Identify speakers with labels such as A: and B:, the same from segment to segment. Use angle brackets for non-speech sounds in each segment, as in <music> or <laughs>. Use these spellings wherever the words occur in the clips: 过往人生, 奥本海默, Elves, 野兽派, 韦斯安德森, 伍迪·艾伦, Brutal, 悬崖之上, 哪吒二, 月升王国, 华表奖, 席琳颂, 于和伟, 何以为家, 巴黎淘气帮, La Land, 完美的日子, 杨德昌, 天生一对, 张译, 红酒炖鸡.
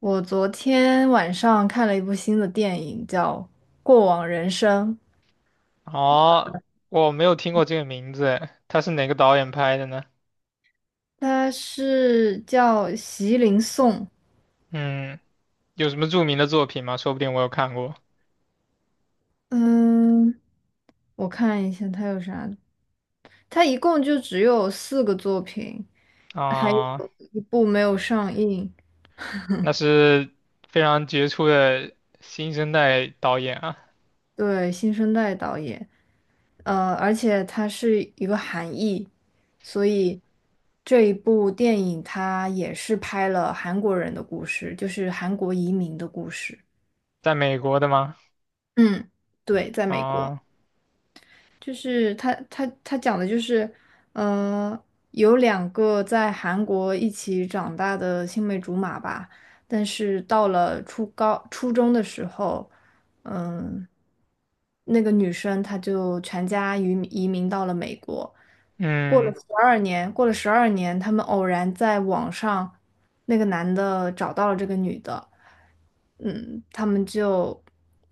A: 我昨天晚上看了一部新的电影，叫《过往人生》，
B: 哦，我没有听过这个名字，哎他是哪个导演拍的呢？
A: 它是叫席琳颂。
B: 嗯，有什么著名的作品吗？说不定我有看过。
A: 嗯，我看一下它有啥，它一共就只有四个作品，还有
B: 啊、
A: 一部没有上映。
B: 那是非常杰出的新生代导演啊，
A: 对，新生代导演，而且它是一个韩裔，所以这一部电影它也是拍了韩国人的故事，就是韩国移民的故事。
B: 在美国的吗？
A: 嗯，对，在美国。
B: 啊、
A: 就是他讲的就是，嗯，有两个在韩国一起长大的青梅竹马吧，但是到了初高初中的时候，嗯，那个女生她就全家移民到了美国，过了
B: 嗯
A: 十二年，过了十二年，他们偶然在网上，那个男的找到了这个女的，嗯，他们就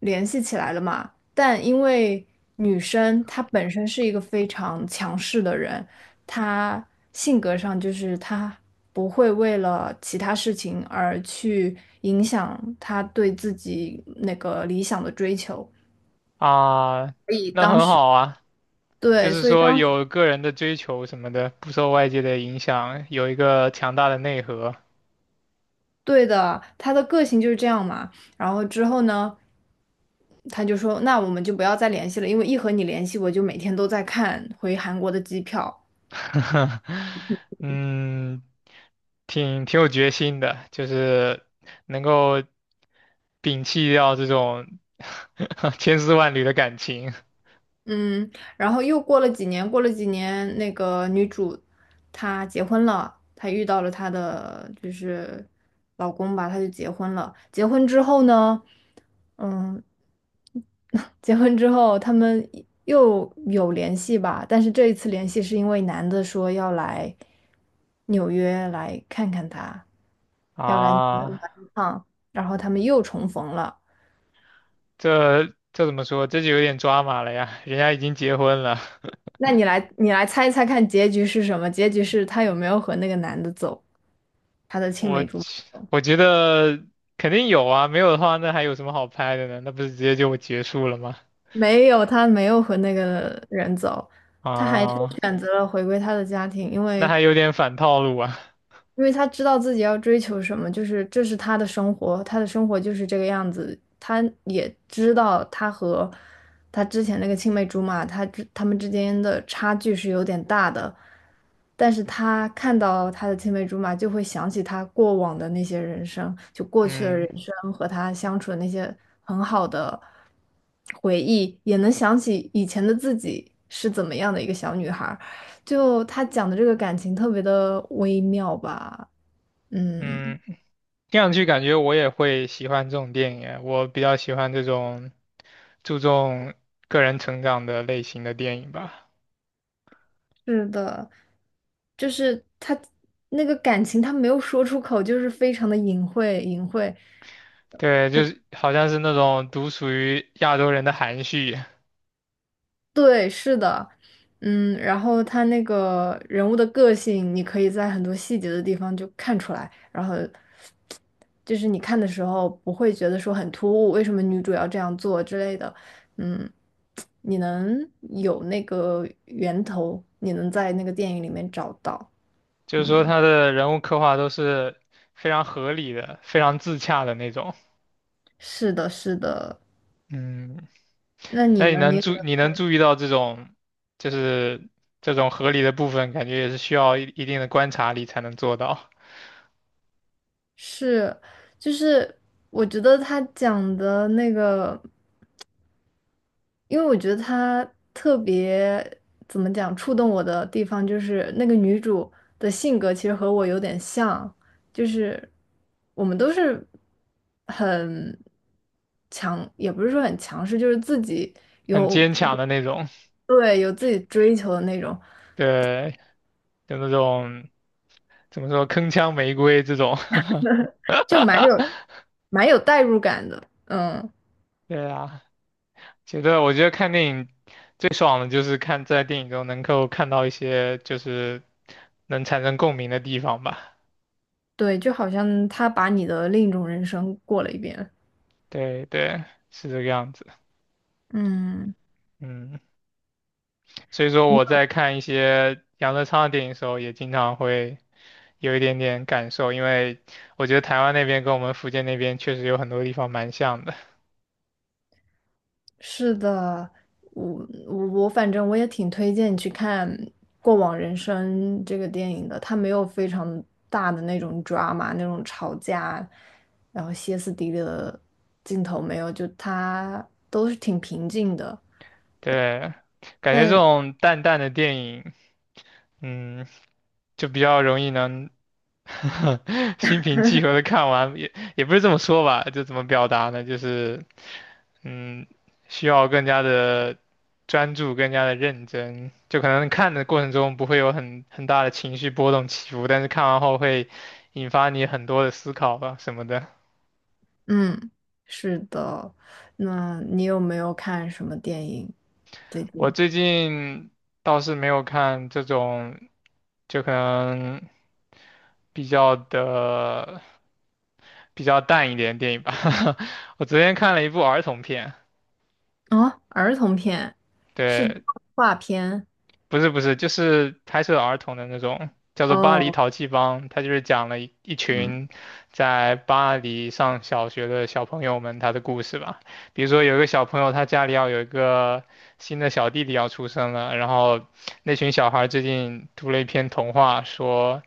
A: 联系起来了嘛。但因为女生她本身是一个非常强势的人，她性格上就是她不会为了其他事情而去影响她对自己那个理想的追求。
B: 啊，
A: 所以
B: 那
A: 当
B: 很
A: 时，
B: 好啊，就
A: 对，
B: 是
A: 所以
B: 说
A: 当时，
B: 有个人的追求什么的，不受外界的影响，有一个强大的内核。
A: 对的，她的个性就是这样嘛。然后之后呢，他就说，那我们就不要再联系了，因为一和你联系，我就每天都在看回韩国的机票。
B: <laughs> 嗯，挺有决心的，就是能够摒弃掉这种 <laughs> 千丝万缕的感情
A: 嗯，然后又过了几年，过了几年，那个女主她结婚了，她遇到了她的就是老公吧，她就结婚了。结婚之后呢，嗯，<laughs> 结婚之后他们又有联系吧，但是这一次联系是因为男的说要来纽约来看看她，要来纽约玩
B: 啊，
A: 一趟，然后他们又重逢了。
B: 这这怎么说？这就有点抓马了呀，人家已经结婚了，<laughs>
A: 那你来，你来猜一猜看结局是什么？结局是他有没有和那个男的走，他的青
B: 我
A: 梅竹马？
B: 去我觉得肯定有啊，没有的话那还有什么好拍的呢？那不是直接就结束了吗？
A: 没有，他没有和那个人走，他还是
B: 啊，
A: 选择了回归他的家庭，因
B: 那
A: 为
B: 还有点反套路啊，
A: 他知道自己要追求什么，就是这是他的生活，他的生活就是这个样子。他也知道他和他之前那个青梅竹马，他们之间的差距是有点大的，但是他看到他的青梅竹马，就会想起他过往的那些人生，就过去的
B: 嗯
A: 人生和他相处的那些很好的回忆，也能想起以前的自己是怎么样的一个小女孩。就他讲的这个感情特别的微妙吧，嗯，
B: 嗯，听上去感觉我也会喜欢这种电影，我比较喜欢这种。注重个人成长的类型的电影吧。
A: 是的，就是他那个感情，他没有说出口，就是非常的隐晦，隐晦。
B: 对，就是好像是那种独属于亚洲人的含蓄，
A: 对，是的，嗯，然后他那个人物的个性，你可以在很多细节的地方就看出来，然后就是你看的时候不会觉得说很突兀，为什么女主要这样做之类的，嗯，你能有那个源头，你能在那个电影里面找到，
B: 就是说
A: 嗯，
B: 他的人物刻画都是非常合理的、非常自洽的那种。
A: 是的，是的，
B: 嗯，
A: 那你
B: 那你
A: 呢？你
B: 能
A: 有
B: 注
A: 没有
B: 你
A: 看？
B: 能注意到这种，就是这种合理的部分，感觉也是需要一定的观察力才能做到，
A: 是，就是我觉得他讲的那个。因为我觉得她特别怎么讲触动我的地方，就是那个女主的性格其实和我有点像，就是我们都是很强，也不是说很强势，就是自己
B: 很
A: 有
B: 坚强的那种。
A: 对有自己追求的那种，
B: 对，就那种怎么说铿锵玫瑰这种。<laughs>
A: 就蛮有代入感的。嗯，
B: 对啊，我觉得看电影最爽的就是看在电影中能够看到一些就是能产生共鸣的地方吧。
A: 对，就好像她把你的另一种人生过了一遍。
B: 对对，是这个样子。
A: 嗯。
B: 嗯，所以说我在看一些杨德昌的电影的时候，也经常会有一点点感受，因为我觉得台湾那边跟我们福建那边确实有很多地方蛮像的。
A: 是的，我反正我也挺推荐你去看《过往人生》这个电影的，它没有非常大的那种 drama 那种吵架，然后歇斯底里的镜头没有，就它都是挺平静的。
B: 对，感觉这
A: 但
B: 种淡淡的电影，嗯，就比较容易能 <laughs> 心平气和的看完，也不是这么说吧，就怎么表达呢？就是，嗯，需要更加的专注，更加的认真，就可能看的过程中不会有很大的情绪波动起伏，但是看完后会引发你很多的思考吧，什么的。
A: 嗯，是的，那你有没有看什么电影最
B: 我
A: 近？
B: 最近倒是没有看这种，就可能比较的比较淡一点的电影吧。<laughs> 我昨天看了一部儿童片，
A: 啊？儿童片，是动
B: 对，
A: 画片
B: 不是，就是拍摄儿童的那种，叫做《巴黎
A: 哦，
B: 淘气帮》，他就是讲了一
A: 嗯，
B: 群在巴黎上小学的小朋友们他的故事吧。比如说有一个小朋友，他家里要有一个新的小弟弟要出生了，然后那群小孩最近读了一篇童话，说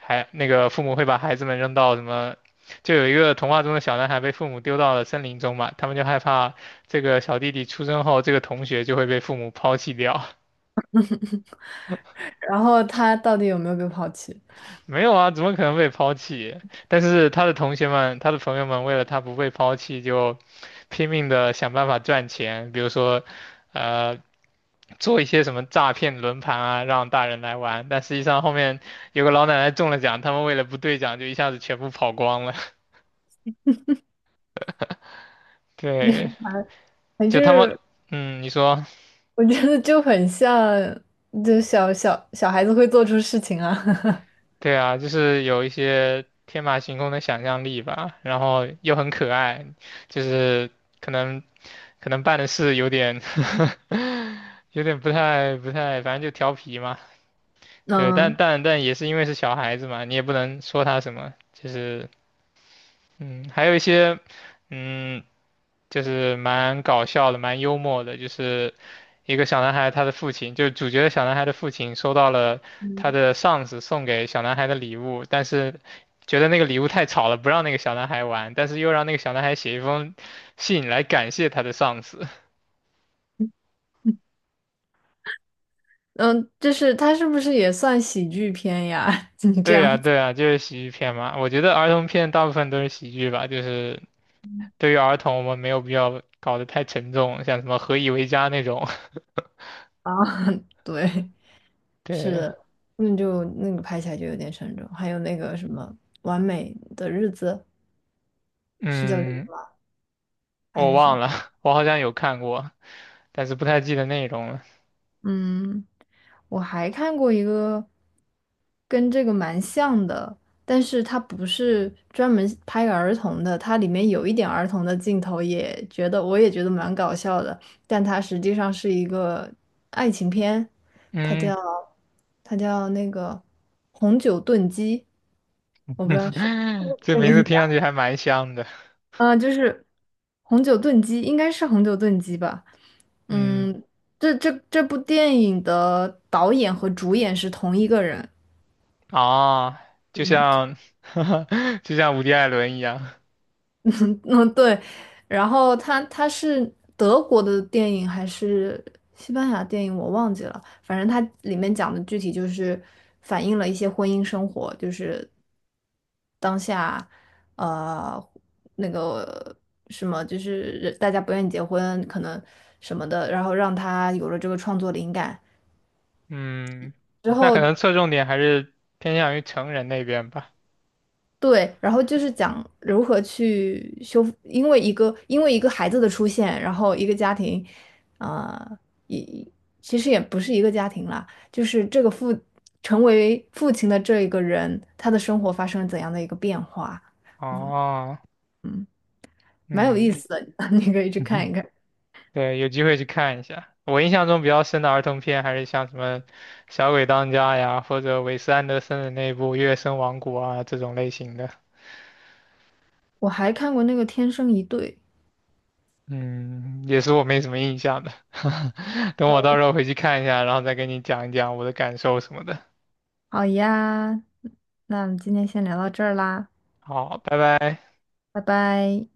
B: 还那个父母会把孩子们扔到什么。就有一个童话中的小男孩被父母丢到了森林中嘛，他们就害怕这个小弟弟出生后，这个同学就会被父母抛弃掉。
A: 然后他到底有没有被抛弃？
B: 没有啊，怎么可能被抛弃？但是他的同学们、他的朋友们为了他不被抛弃，就拼命的想办法赚钱，比如说，呃，做一些什么诈骗轮盘啊，让大人来玩。但实际上后面有个老奶奶中了奖，他们为了不兑奖，就一下子全部跑光了。<laughs> 对，
A: <laughs> 反
B: 就他们，
A: 正
B: 嗯，你说。
A: 我觉得就很像，就小孩子会做出事情啊。<laughs>
B: 对啊，就是有一些天马行空的想象力吧，然后又很可爱，就是可能可能办的事有点 <laughs> 有点不太，反正就调皮嘛。对，
A: 嗯
B: 但也是因为是小孩子嘛，你也不能说他什么，就是嗯，还有一些嗯就是蛮搞笑的，蛮幽默的，就是一个小男孩他的父亲，就是主角的小男孩的父亲收到了他的上司送给小男孩的礼物，但是觉得那个礼物太吵了，不让那个小男孩玩，但是又让那个小男孩写一封信来感谢他的上司。
A: 嗯，就是他是不是也算喜剧片呀？<laughs>
B: <laughs>
A: 你这
B: 对
A: 样
B: 呀，
A: 子
B: 对呀，就是喜剧片嘛。我觉得儿童片大部分都是喜剧吧，就是对于儿童，我们没有必要搞得太沉重，像什么《何以为家》那种。
A: 啊，<laughs> 对，
B: <laughs>
A: 是
B: 对，
A: 的，那就那个拍起来就有点沉重。还有那个什么《完美的日子》，是叫这个
B: 嗯。
A: 吗？还
B: 我
A: 是什
B: 忘
A: 么？
B: 了，<laughs> 我好像有看过，但是不太记得内容了。
A: 嗯，我还看过一个跟这个蛮像的，但是它不是专门拍儿童的，它里面有一点儿童的镜头，也觉得我也觉得蛮搞笑的，但它实际上是一个爱情片，它
B: 嗯，
A: 叫它叫那个《红酒炖鸡》，我不知道是 <laughs>
B: <laughs> 这
A: 这
B: 名字
A: 名字
B: 听上去还蛮香的。
A: 就是红酒炖鸡，应该是红酒炖鸡吧？
B: 嗯，
A: 嗯，这部电影的导演和主演是同一个人，
B: 啊，就像，<laughs> 就像伍迪·艾伦一样。
A: 嗯，对，然后它是德国的电影还是西班牙电影，我忘记了。反正它里面讲的具体就是反映了一些婚姻生活，就是当下呃那个什么，就是人大家不愿意结婚，可能什么的，然后让他有了这个创作灵感
B: 嗯，
A: 之
B: 那可
A: 后，
B: 能侧重点还是偏向于成人那边吧。
A: 对，然后就是讲如何去修复，因为一个孩子的出现，然后一个家庭，啊、也其实也不是一个家庭啦，就是这个父成为父亲的这一个人，他的生活发生了怎样的一个变化？嗯
B: 哦，
A: 嗯，蛮有意
B: 嗯，
A: 思的，<laughs> 你可以去看
B: <laughs>
A: 一看。
B: 对，有机会去看一下。我印象中比较深的儿童片还是像什么《小鬼当家》呀，或者韦斯安德森的那部《月升王国》啊这种类型的。
A: 我还看过那个《天生一对》。
B: 嗯，也是我没什么印象的，<laughs> 等我到时候回去看一下，然后再跟你讲一讲我的感受什么的。
A: 好呀，那我们今天先聊到这儿啦，
B: 好，拜拜。
A: 拜拜。